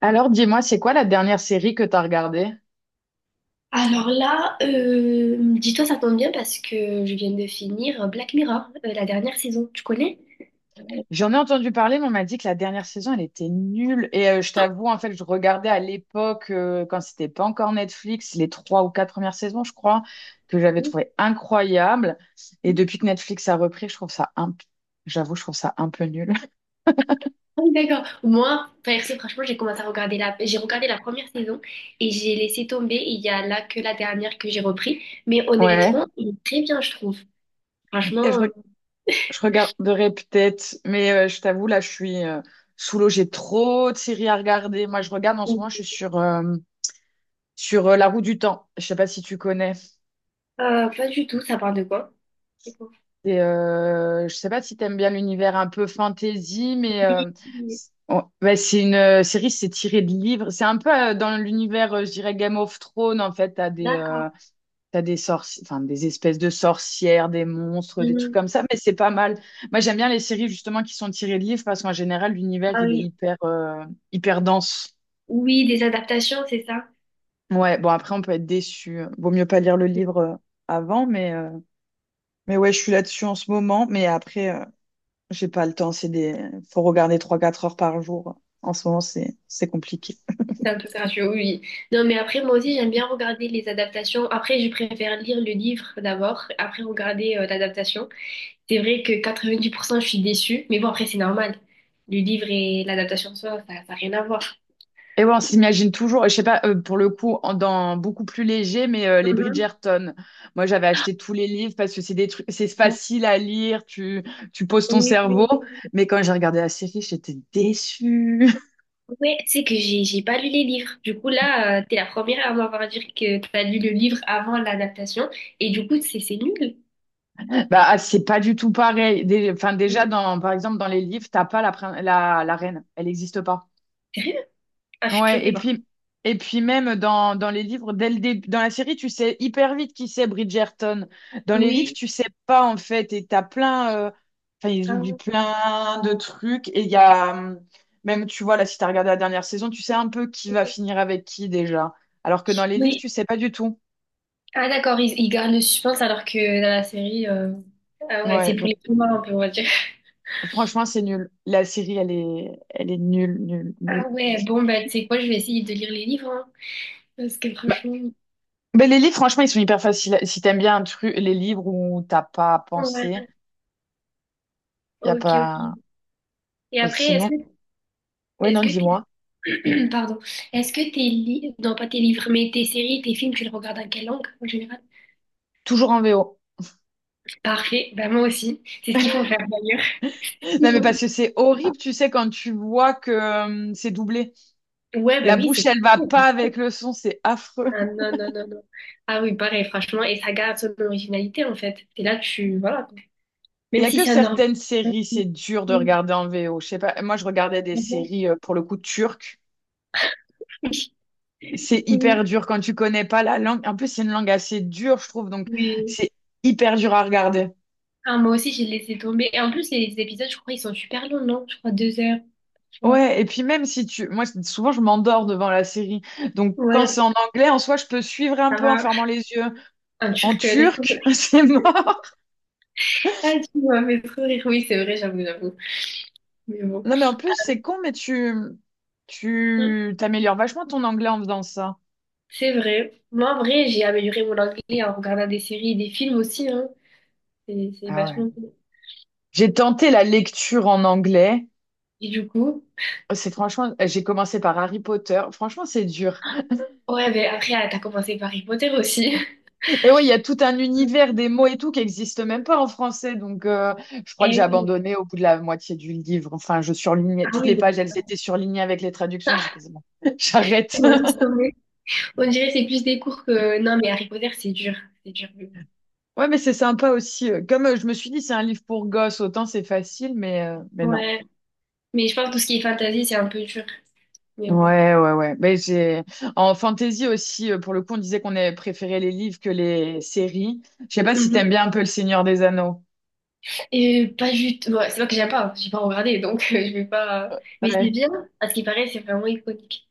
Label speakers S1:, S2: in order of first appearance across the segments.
S1: Alors, dis-moi, c'est quoi la dernière série que t'as regardée?
S2: Alors là, dis-toi, ça tombe bien parce que je viens de finir Black Mirror, la dernière saison. Tu connais?
S1: J'en ai entendu parler, mais on m'a dit que la dernière saison, elle était nulle. Et je t'avoue, en fait, je regardais à l'époque, quand c'était pas encore Netflix, les trois ou quatre premières saisons, je crois, que j'avais
S2: Oui,
S1: trouvé incroyable. Et
S2: oui.
S1: depuis que Netflix a repris, je trouve ça j'avoue, je trouve ça un peu nul.
S2: Ah oui, d'accord. Moi, perso, franchement, j'ai commencé à regarder la... J'ai regardé la première saison et j'ai laissé tomber. Il y a là que la dernière que j'ai repris. Mais
S1: Ouais.
S2: honnêtement, il est très bien, je trouve.
S1: Et
S2: Franchement,
S1: je regarderai peut-être, mais je t'avoue, là, je suis sous l'eau. J'ai trop de séries à regarder. Moi, je regarde en
S2: euh,
S1: ce moment, je suis sur La Roue du Temps. Je sais pas si tu connais.
S2: pas du tout. Ça parle de quoi? C'est quoi?
S1: Et je sais pas si t'aimes bien l'univers un peu fantasy, mais
S2: Oui, oui,
S1: ouais, c'est une série, c'est tiré de livres. C'est un peu dans l'univers, je dirais, Game of Thrones. En fait,
S2: d'accord.
S1: enfin, des espèces de sorcières, des monstres, des trucs
S2: Mhm.
S1: comme ça, mais c'est pas mal. Moi, j'aime bien les séries justement qui sont tirées de livres parce qu'en général, l'univers,
S2: Ah
S1: il est
S2: oui.
S1: hyper dense.
S2: Oui, des adaptations, c'est ça?
S1: Ouais, bon, après, on peut être déçu. Vaut mieux pas lire le livre avant, mais ouais, je suis là-dessus en ce moment. Mais après, j'ai pas le temps, c'est des. Faut regarder trois quatre heures par jour. En ce moment, c'est compliqué.
S2: C'est un peu courageux, oui. Oui. Non, mais après, moi aussi, j'aime bien regarder les adaptations. Après, je préfère lire le livre d'abord, après regarder l'adaptation. C'est vrai que 90% je suis déçue, mais bon, après, c'est normal. Le livre et l'adaptation, ça n'a rien à voir.
S1: Et ouais, on s'imagine toujours, je sais pas, pour le coup, dans beaucoup plus léger, mais les
S2: Mhm.
S1: Bridgerton. Moi, j'avais acheté tous les livres parce que c'est des trucs, c'est
S2: Ouais.
S1: facile à lire, tu poses ton
S2: Oui,
S1: cerveau.
S2: oui.
S1: Mais quand j'ai regardé la série, j'étais déçue.
S2: Ouais, tu sais que j'ai pas lu les livres. Du coup, là, t'es la première à m'avoir dit que t'as lu le livre avant l'adaptation, et du coup, c'est nul.
S1: Bah, ah, c'est pas du tout pareil. Enfin,
S2: Ouais.
S1: déjà, dans, par exemple, dans les livres, t'as pas la reine. Elle n'existe pas.
S2: Sérieux? Ah, je suis
S1: Ouais, et
S2: choquée, par contre.
S1: puis, et puis même dans les livres, dès le début, dans la série, tu sais hyper vite qui c'est Bridgerton. Dans les livres,
S2: Oui.
S1: tu sais pas en fait, et t'as plein, enfin ils
S2: Ah
S1: oublient
S2: ouais.
S1: plein de trucs, et il y a même, tu vois, là, si t'as regardé la dernière saison, tu sais un peu qui va finir avec qui déjà. Alors que dans les livres,
S2: Oui.
S1: tu sais pas du tout.
S2: Ah d'accord, ils gardent le suspense alors que dans la série, ah ouais,
S1: Ouais,
S2: c'est pour
S1: donc
S2: les plus morts un peu, on va dire.
S1: franchement, c'est nul. La série, elle est nulle, nulle, nulle.
S2: Ah ouais, bon bah tu sais quoi, je vais essayer de lire les livres, hein, parce que
S1: Bah,
S2: franchement,
S1: mais les livres, franchement, ils sont hyper faciles. Si t'aimes bien un truc, les livres où t'as pas à penser,
S2: ouais,
S1: y a
S2: ok,
S1: pas.
S2: ok. Et
S1: Mais
S2: après, est-ce
S1: sinon,
S2: que,
S1: ouais,
S2: est-ce
S1: non,
S2: que
S1: dis-moi.
S2: t'es, pardon, est-ce que tes livres, non pas tes livres, mais tes séries, tes films, tu les regardes en quelle langue en général?
S1: Toujours en VO.
S2: Parfait, bah moi aussi, c'est ce qu'il faut faire d'ailleurs. Il
S1: Non, mais
S2: faut-
S1: parce que c'est horrible, tu sais, quand tu vois que c'est doublé.
S2: Ouais, bah
S1: La
S2: oui, c'est
S1: bouche, elle va
S2: cool.
S1: pas avec le son, c'est affreux.
S2: Ah non, non, non, non. Ah oui, pareil, franchement, et ça garde son originalité en fait. Et là, voilà.
S1: Il
S2: Même
S1: y a
S2: si
S1: que
S2: c'est un organe.
S1: certaines séries, c'est dur de regarder en VO. Je sais pas, moi, je regardais des séries, pour le coup, turques. C'est hyper dur quand tu connais pas la langue. En plus, c'est une langue assez dure, je trouve, donc
S2: Oui.
S1: c'est hyper dur à regarder.
S2: Ah, moi aussi, j'ai laissé tomber. Et en plus, les épisodes, je crois, ils sont super longs, non? Je crois deux heures, tu vois.
S1: Ouais, et puis même si tu... Moi, souvent, je m'endors devant la série. Donc, quand c'est
S2: Ouais,
S1: en anglais, en soi, je peux suivre un
S2: ça
S1: peu en
S2: va.
S1: fermant les yeux.
S2: Un
S1: En
S2: turc, laisse tomber.
S1: turc, c'est mort.
S2: Ah, tu m'as fait trop rire. Oui, c'est vrai, j'avoue, j'avoue. Mais bon.
S1: Non, mais en plus, c'est con, mais tu,
S2: Mm.
S1: tu t'améliores vachement ton anglais en faisant ça.
S2: C'est vrai. Moi, en vrai, j'ai amélioré mon anglais en regardant des séries et des films aussi, hein. C'est
S1: Ah ouais.
S2: vachement bien.
S1: J'ai tenté la lecture en anglais.
S2: Et du coup,
S1: C'est franchement, j'ai commencé par Harry Potter. Franchement, c'est dur.
S2: ouais, mais après, ah, t'as commencé par Harry Potter aussi.
S1: Et ouais, il y a tout un univers des mots et tout qui n'existe même pas en français. Donc, je crois que j'ai
S2: Eh oui.
S1: abandonné au bout de la moitié du livre. Enfin, je surlignais
S2: Ah
S1: toutes les
S2: oui, mais
S1: pages, elles étaient surlignées avec les traductions. J'ai fait, c'est bon, j'arrête.
S2: moi, laisse tomber. On dirait que c'est plus des cours que... Non, mais Harry Potter, c'est dur. C'est dur.
S1: Ouais, mais c'est sympa aussi. Comme je me suis dit, c'est un livre pour gosses, autant c'est facile, mais non.
S2: Ouais. Mais je pense que tout ce qui est fantasy, c'est un peu dur. Mais bon.
S1: Ouais, ouais, ouais. En fantasy aussi, pour le coup, on disait qu'on avait préféré les livres que les séries. Je sais pas si t'aimes
S2: Mhm.
S1: bien un peu Le Seigneur des Anneaux.
S2: Et pas du tout... ouais, c'est pas que j'aime pas. Hein. J'ai pas regardé, donc je vais pas... Mais c'est
S1: Ouais.
S2: bien. À ce qui paraît, c'est vraiment iconique.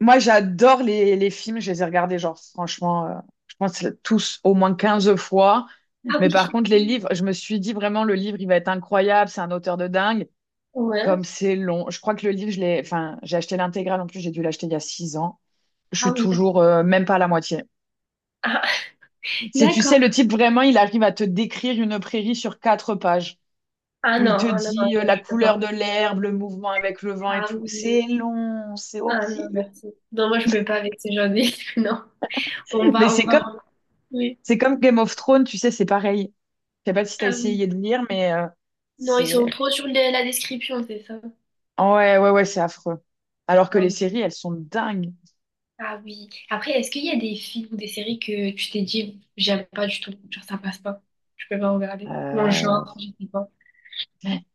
S1: Moi, j'adore les films. Je les ai regardés, genre, franchement, je pense tous au moins 15 fois.
S2: Ah
S1: Mais
S2: oui.
S1: par contre, les livres, je me suis dit vraiment, le livre, il va être incroyable. C'est un auteur de dingue.
S2: Ouais.
S1: Comme c'est long. Je crois que le livre, je l'ai, enfin, j'ai acheté l'intégrale. En plus, j'ai dû l'acheter il y a 6 ans. Je
S2: Ah
S1: suis
S2: oui, d'accord.
S1: toujours, même pas à la moitié.
S2: Ah,
S1: C'est, tu sais,
S2: d'accord.
S1: le type vraiment, il arrive à te décrire une prairie sur quatre pages,
S2: Ah
S1: où
S2: non,
S1: il te
S2: ah non, non,
S1: dit
S2: je,
S1: la
S2: je peux
S1: couleur
S2: pas.
S1: de l'herbe, le mouvement avec le vent et
S2: Ah
S1: tout. C'est
S2: oui.
S1: long, c'est
S2: Ah non,
S1: horrible.
S2: merci. Non, moi, je peux pas avec ces gens. Non. On
S1: Mais
S2: va, on
S1: c'est
S2: va.
S1: comme,
S2: Oui.
S1: c'est comme Game of Thrones, tu sais, c'est pareil. Je sais pas si t'as
S2: Ah oui.
S1: essayé de lire, mais
S2: Non, ils sont
S1: c'est.
S2: trop sur la description, c'est ça.
S1: Ah ouais, ouais, ouais, c'est affreux. Alors que
S2: Ah
S1: les
S2: oui.
S1: séries, elles sont dingues.
S2: Ah oui. Après, est-ce qu'il y a des films ou des séries que tu t'es dit, j'aime pas du tout, genre ça passe pas, je peux pas regarder. Ou un
S1: Euh,
S2: genre, je sais pas.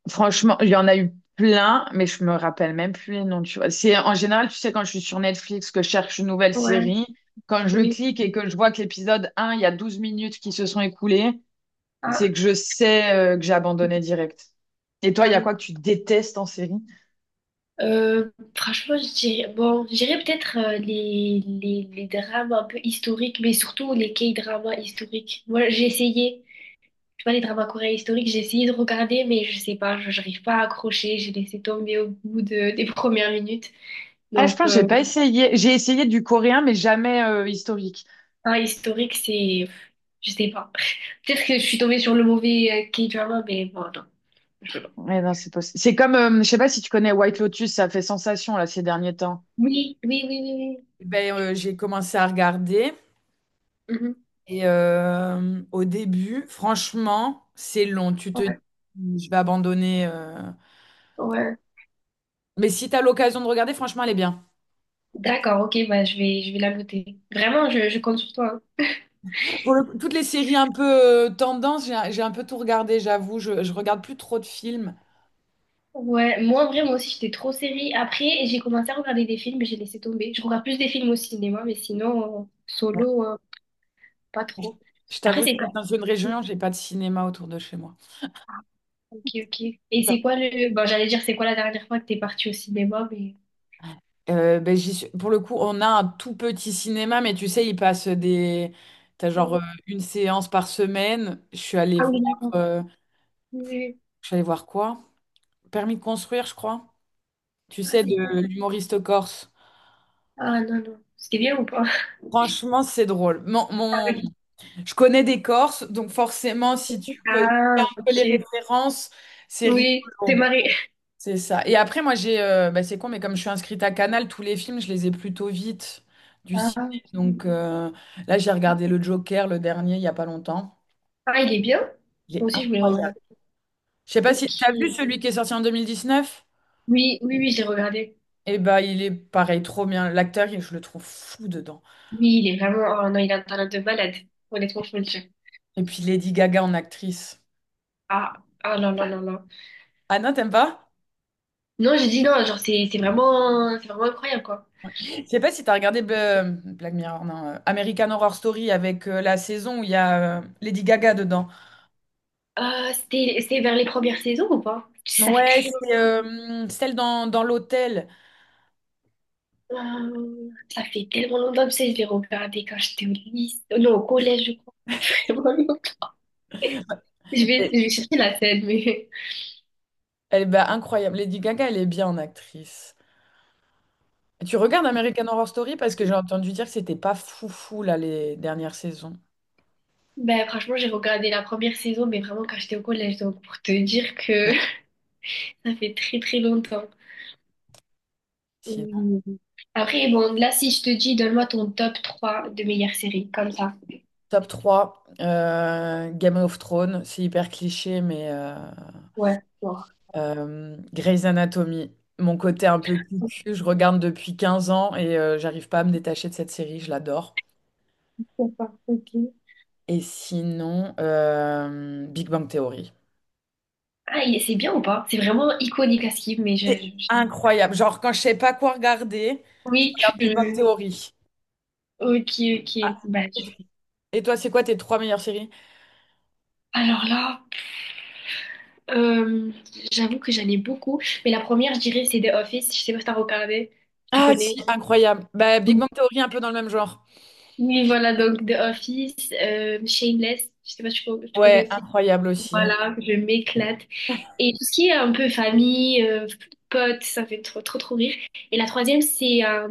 S1: Franchement, il y en a eu plein, mais je me rappelle même plus les noms, tu vois. C'est, en général, tu sais, quand je suis sur Netflix, que je cherche une nouvelle
S2: Ouais,
S1: série, quand je
S2: oui.
S1: clique et que je vois que l'épisode un, il y a 12 minutes qui se sont écoulées, c'est
S2: Ah,
S1: que je sais, que j'ai abandonné direct. Et toi, il
S2: ah
S1: y a
S2: oui.
S1: quoi que tu détestes en série?
S2: Franchement, je dirais, bon, je dirais peut-être les drames un peu historiques, mais surtout les K-dramas historiques. Moi, j'ai essayé, tu vois, les dramas coréens historiques, j'ai essayé de regarder, mais je sais pas, je n'arrive pas à accrocher, j'ai laissé tomber au bout de, des premières minutes.
S1: Ah, je
S2: Donc,
S1: pense que j'ai pas essayé. J'ai essayé du coréen, mais jamais historique.
S2: ah, historique, c'est... Je sais pas. Peut-être que je suis tombée sur le mauvais K-drama, mais bon, non. Je sais pas.
S1: Ouais, non, c'est possible. C'est comme, je sais pas si tu connais White Lotus, ça fait sensation là ces derniers temps.
S2: Oui, oui, oui, oui,
S1: Ben, j'ai commencé à regarder.
S2: oui. Mhm.
S1: Et au début, franchement, c'est long. Tu te dis,
S2: Ouais,
S1: je vais abandonner.
S2: ouais.
S1: Mais si tu as l'occasion de regarder, franchement, elle est bien.
S2: D'accord, ok, bah, je vais la noter. Vraiment, je compte sur toi. Hein.
S1: Toutes les séries un peu tendance, j'ai un peu tout regardé, j'avoue. Je regarde plus trop de films.
S2: Ouais, moi, en vrai, moi aussi, j'étais trop série. Après, j'ai commencé à regarder des films, mais j'ai laissé tomber. Je regarde plus des films au cinéma, mais sinon, solo, pas trop.
S1: Je
S2: Après,
S1: t'avoue,
S2: c'est quoi?
S1: j'habite dans une région, j'ai pas de cinéma autour de chez moi.
S2: Ah, ok, ok. Et c'est quoi le... Bon, j'allais dire, c'est quoi la dernière fois que t'es partie au cinéma, mais...
S1: Ben, pour le coup, on a un tout petit cinéma, mais tu sais, il passe des. T'as genre
S2: Ouais.
S1: une séance par semaine. Je suis allée
S2: Ah
S1: voir.
S2: oui, d'accord.
S1: euh,
S2: Oui, oui.
S1: Je suis allée voir quoi? Permis de construire, je crois. Tu
S2: Ah,
S1: sais,
S2: c'est
S1: de
S2: quoi?
S1: l'humoriste corse.
S2: Ah, non, non. C'était bien ou pas?
S1: Franchement, c'est drôle.
S2: Ah, ok.
S1: Je connais des Corses, donc forcément, si tu connais un
S2: Ah,
S1: peu les
S2: ok.
S1: références, c'est
S2: Oui, c'est
S1: rigolo.
S2: marré.
S1: C'est ça. Et après, moi, j'ai. Bah, c'est con, mais comme je suis inscrite à Canal, tous les films, je les ai plutôt vite du
S2: Ah,
S1: ciné.
S2: ok.
S1: Donc, là, j'ai regardé Le Joker, le dernier, il n'y a pas longtemps.
S2: Ah, il est bien?
S1: Il
S2: Moi
S1: est
S2: aussi, je voulais
S1: incroyable.
S2: regarder.
S1: Je sais pas si.
S2: Ok.
S1: T'as vu
S2: Oui,
S1: celui qui est sorti en 2019?
S2: oui, oui, j'ai regardé.
S1: Eh bah, il est pareil, trop bien. L'acteur, je le trouve fou dedans.
S2: Oui, il est vraiment... Oh non, il a un talent de malade. Honnêtement, je peux le dire.
S1: Et puis Lady Gaga en actrice.
S2: Ah, ah non, non, non, non.
S1: Ah non, t'aimes pas?
S2: Non, j'ai dit non, genre, c'est vraiment... C'est vraiment incroyable, quoi.
S1: Je sais pas si tu as regardé Black Mirror, non, American Horror Story avec la saison où il y a Lady Gaga dedans.
S2: C'était vers les premières saisons ou pas? Ça fait
S1: Ouais,
S2: très
S1: c'est
S2: longtemps.
S1: celle dans, l'hôtel.
S2: Ça fait tellement longtemps que je l'ai regardé quand j'étais au lycée. Non, au collège, je crois. Vraiment. Je
S1: Elle
S2: vais, je vais chercher la scène, mais
S1: elle est bah, incroyable. Lady Gaga, elle est bien en actrice. Tu regardes American Horror Story parce que j'ai entendu dire que c'était pas foufou là les dernières saisons.
S2: ben, franchement, j'ai regardé la première saison, mais vraiment quand j'étais au collège, donc pour te dire que ça fait très très longtemps.
S1: Sinon,
S2: Mm. Après, bon, là, si je te dis, donne-moi ton top 3 de meilleures séries, comme ça.
S1: top 3 Game of Thrones, c'est hyper cliché,
S2: Ouais, bon.
S1: Grey's Anatomy, mon côté un peu cucu, je regarde depuis 15 ans et j'arrive pas à me détacher de cette série, je l'adore.
S2: Pourquoi pas, ok.
S1: Et sinon, Big Bang Theory.
S2: Ah, c'est bien ou pas? C'est vraiment iconique à skip, mais
S1: C'est incroyable. Genre, quand je sais pas quoi regarder, je
S2: oui,
S1: regarde Big Bang
S2: tu...
S1: Theory.
S2: Ok, ok.
S1: Ah.
S2: Bah, je
S1: Et toi, c'est quoi tes trois meilleures séries?
S2: alors là, euh, j'avoue que j'en ai beaucoup, mais la première, je dirais, c'est The Office. Je sais pas si t'as regardé, tu
S1: Ah,
S2: connais.
S1: si, incroyable. Bah, Big Bang Theory, un peu dans le même genre.
S2: Oui, voilà, donc The Office, Shameless, je sais pas si tu
S1: Ouais,
S2: connais aussi.
S1: incroyable aussi.
S2: Voilà, je m'éclate. Et tout ce qui est un peu famille, potes, ça fait trop, trop, trop rire. Et la troisième, c'est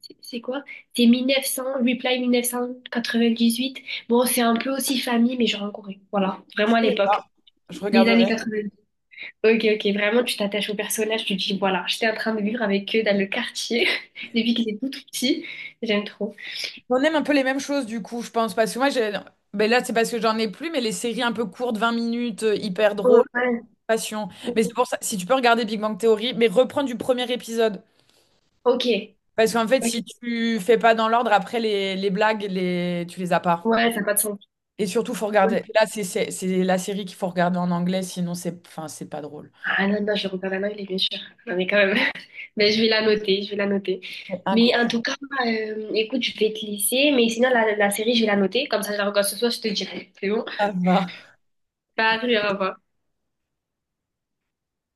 S2: c'est quoi? C'est 1900, Reply 1998. Bon, c'est un peu aussi famille, mais genre en Corée. Voilà,
S1: Je
S2: vraiment à
S1: connais
S2: l'époque,
S1: pas. Je
S2: les
S1: regarderai.
S2: années 90. Ok, ok, vraiment, tu t'attaches aux personnages, tu te dis, voilà, j'étais en train de vivre avec eux dans le quartier depuis qu'ils étaient tout, tout petits. J'aime trop.
S1: On aime un peu les mêmes choses du coup, je pense. Parce que moi, ben là, c'est parce que j'en ai plus, mais les séries un peu courtes, 20 minutes, hyper drôles,
S2: Ouais.
S1: passion. Mais c'est pour ça, si tu peux regarder Big Bang Theory, mais reprends du premier épisode.
S2: Ok.
S1: Parce qu'en fait,
S2: Ok.
S1: si tu fais pas dans l'ordre, après, les blagues, tu les as pas.
S2: Ouais, ça n'a pas de sens.
S1: Et surtout, faut regarder. Là, c'est la série qu'il faut regarder en anglais, sinon c'est enfin, c'est pas drôle.
S2: Ah non, non, je regarde un il est bien sûr. Non, mais quand même. Mais je vais la noter, je vais la noter. Mais en tout cas, écoute, je vais te laisser. Mais sinon, la série, je vais la noter. Comme ça, je la regarde ce soir, je te dirai. C'est bon?
S1: Incroyable.
S2: Salut, au revoir.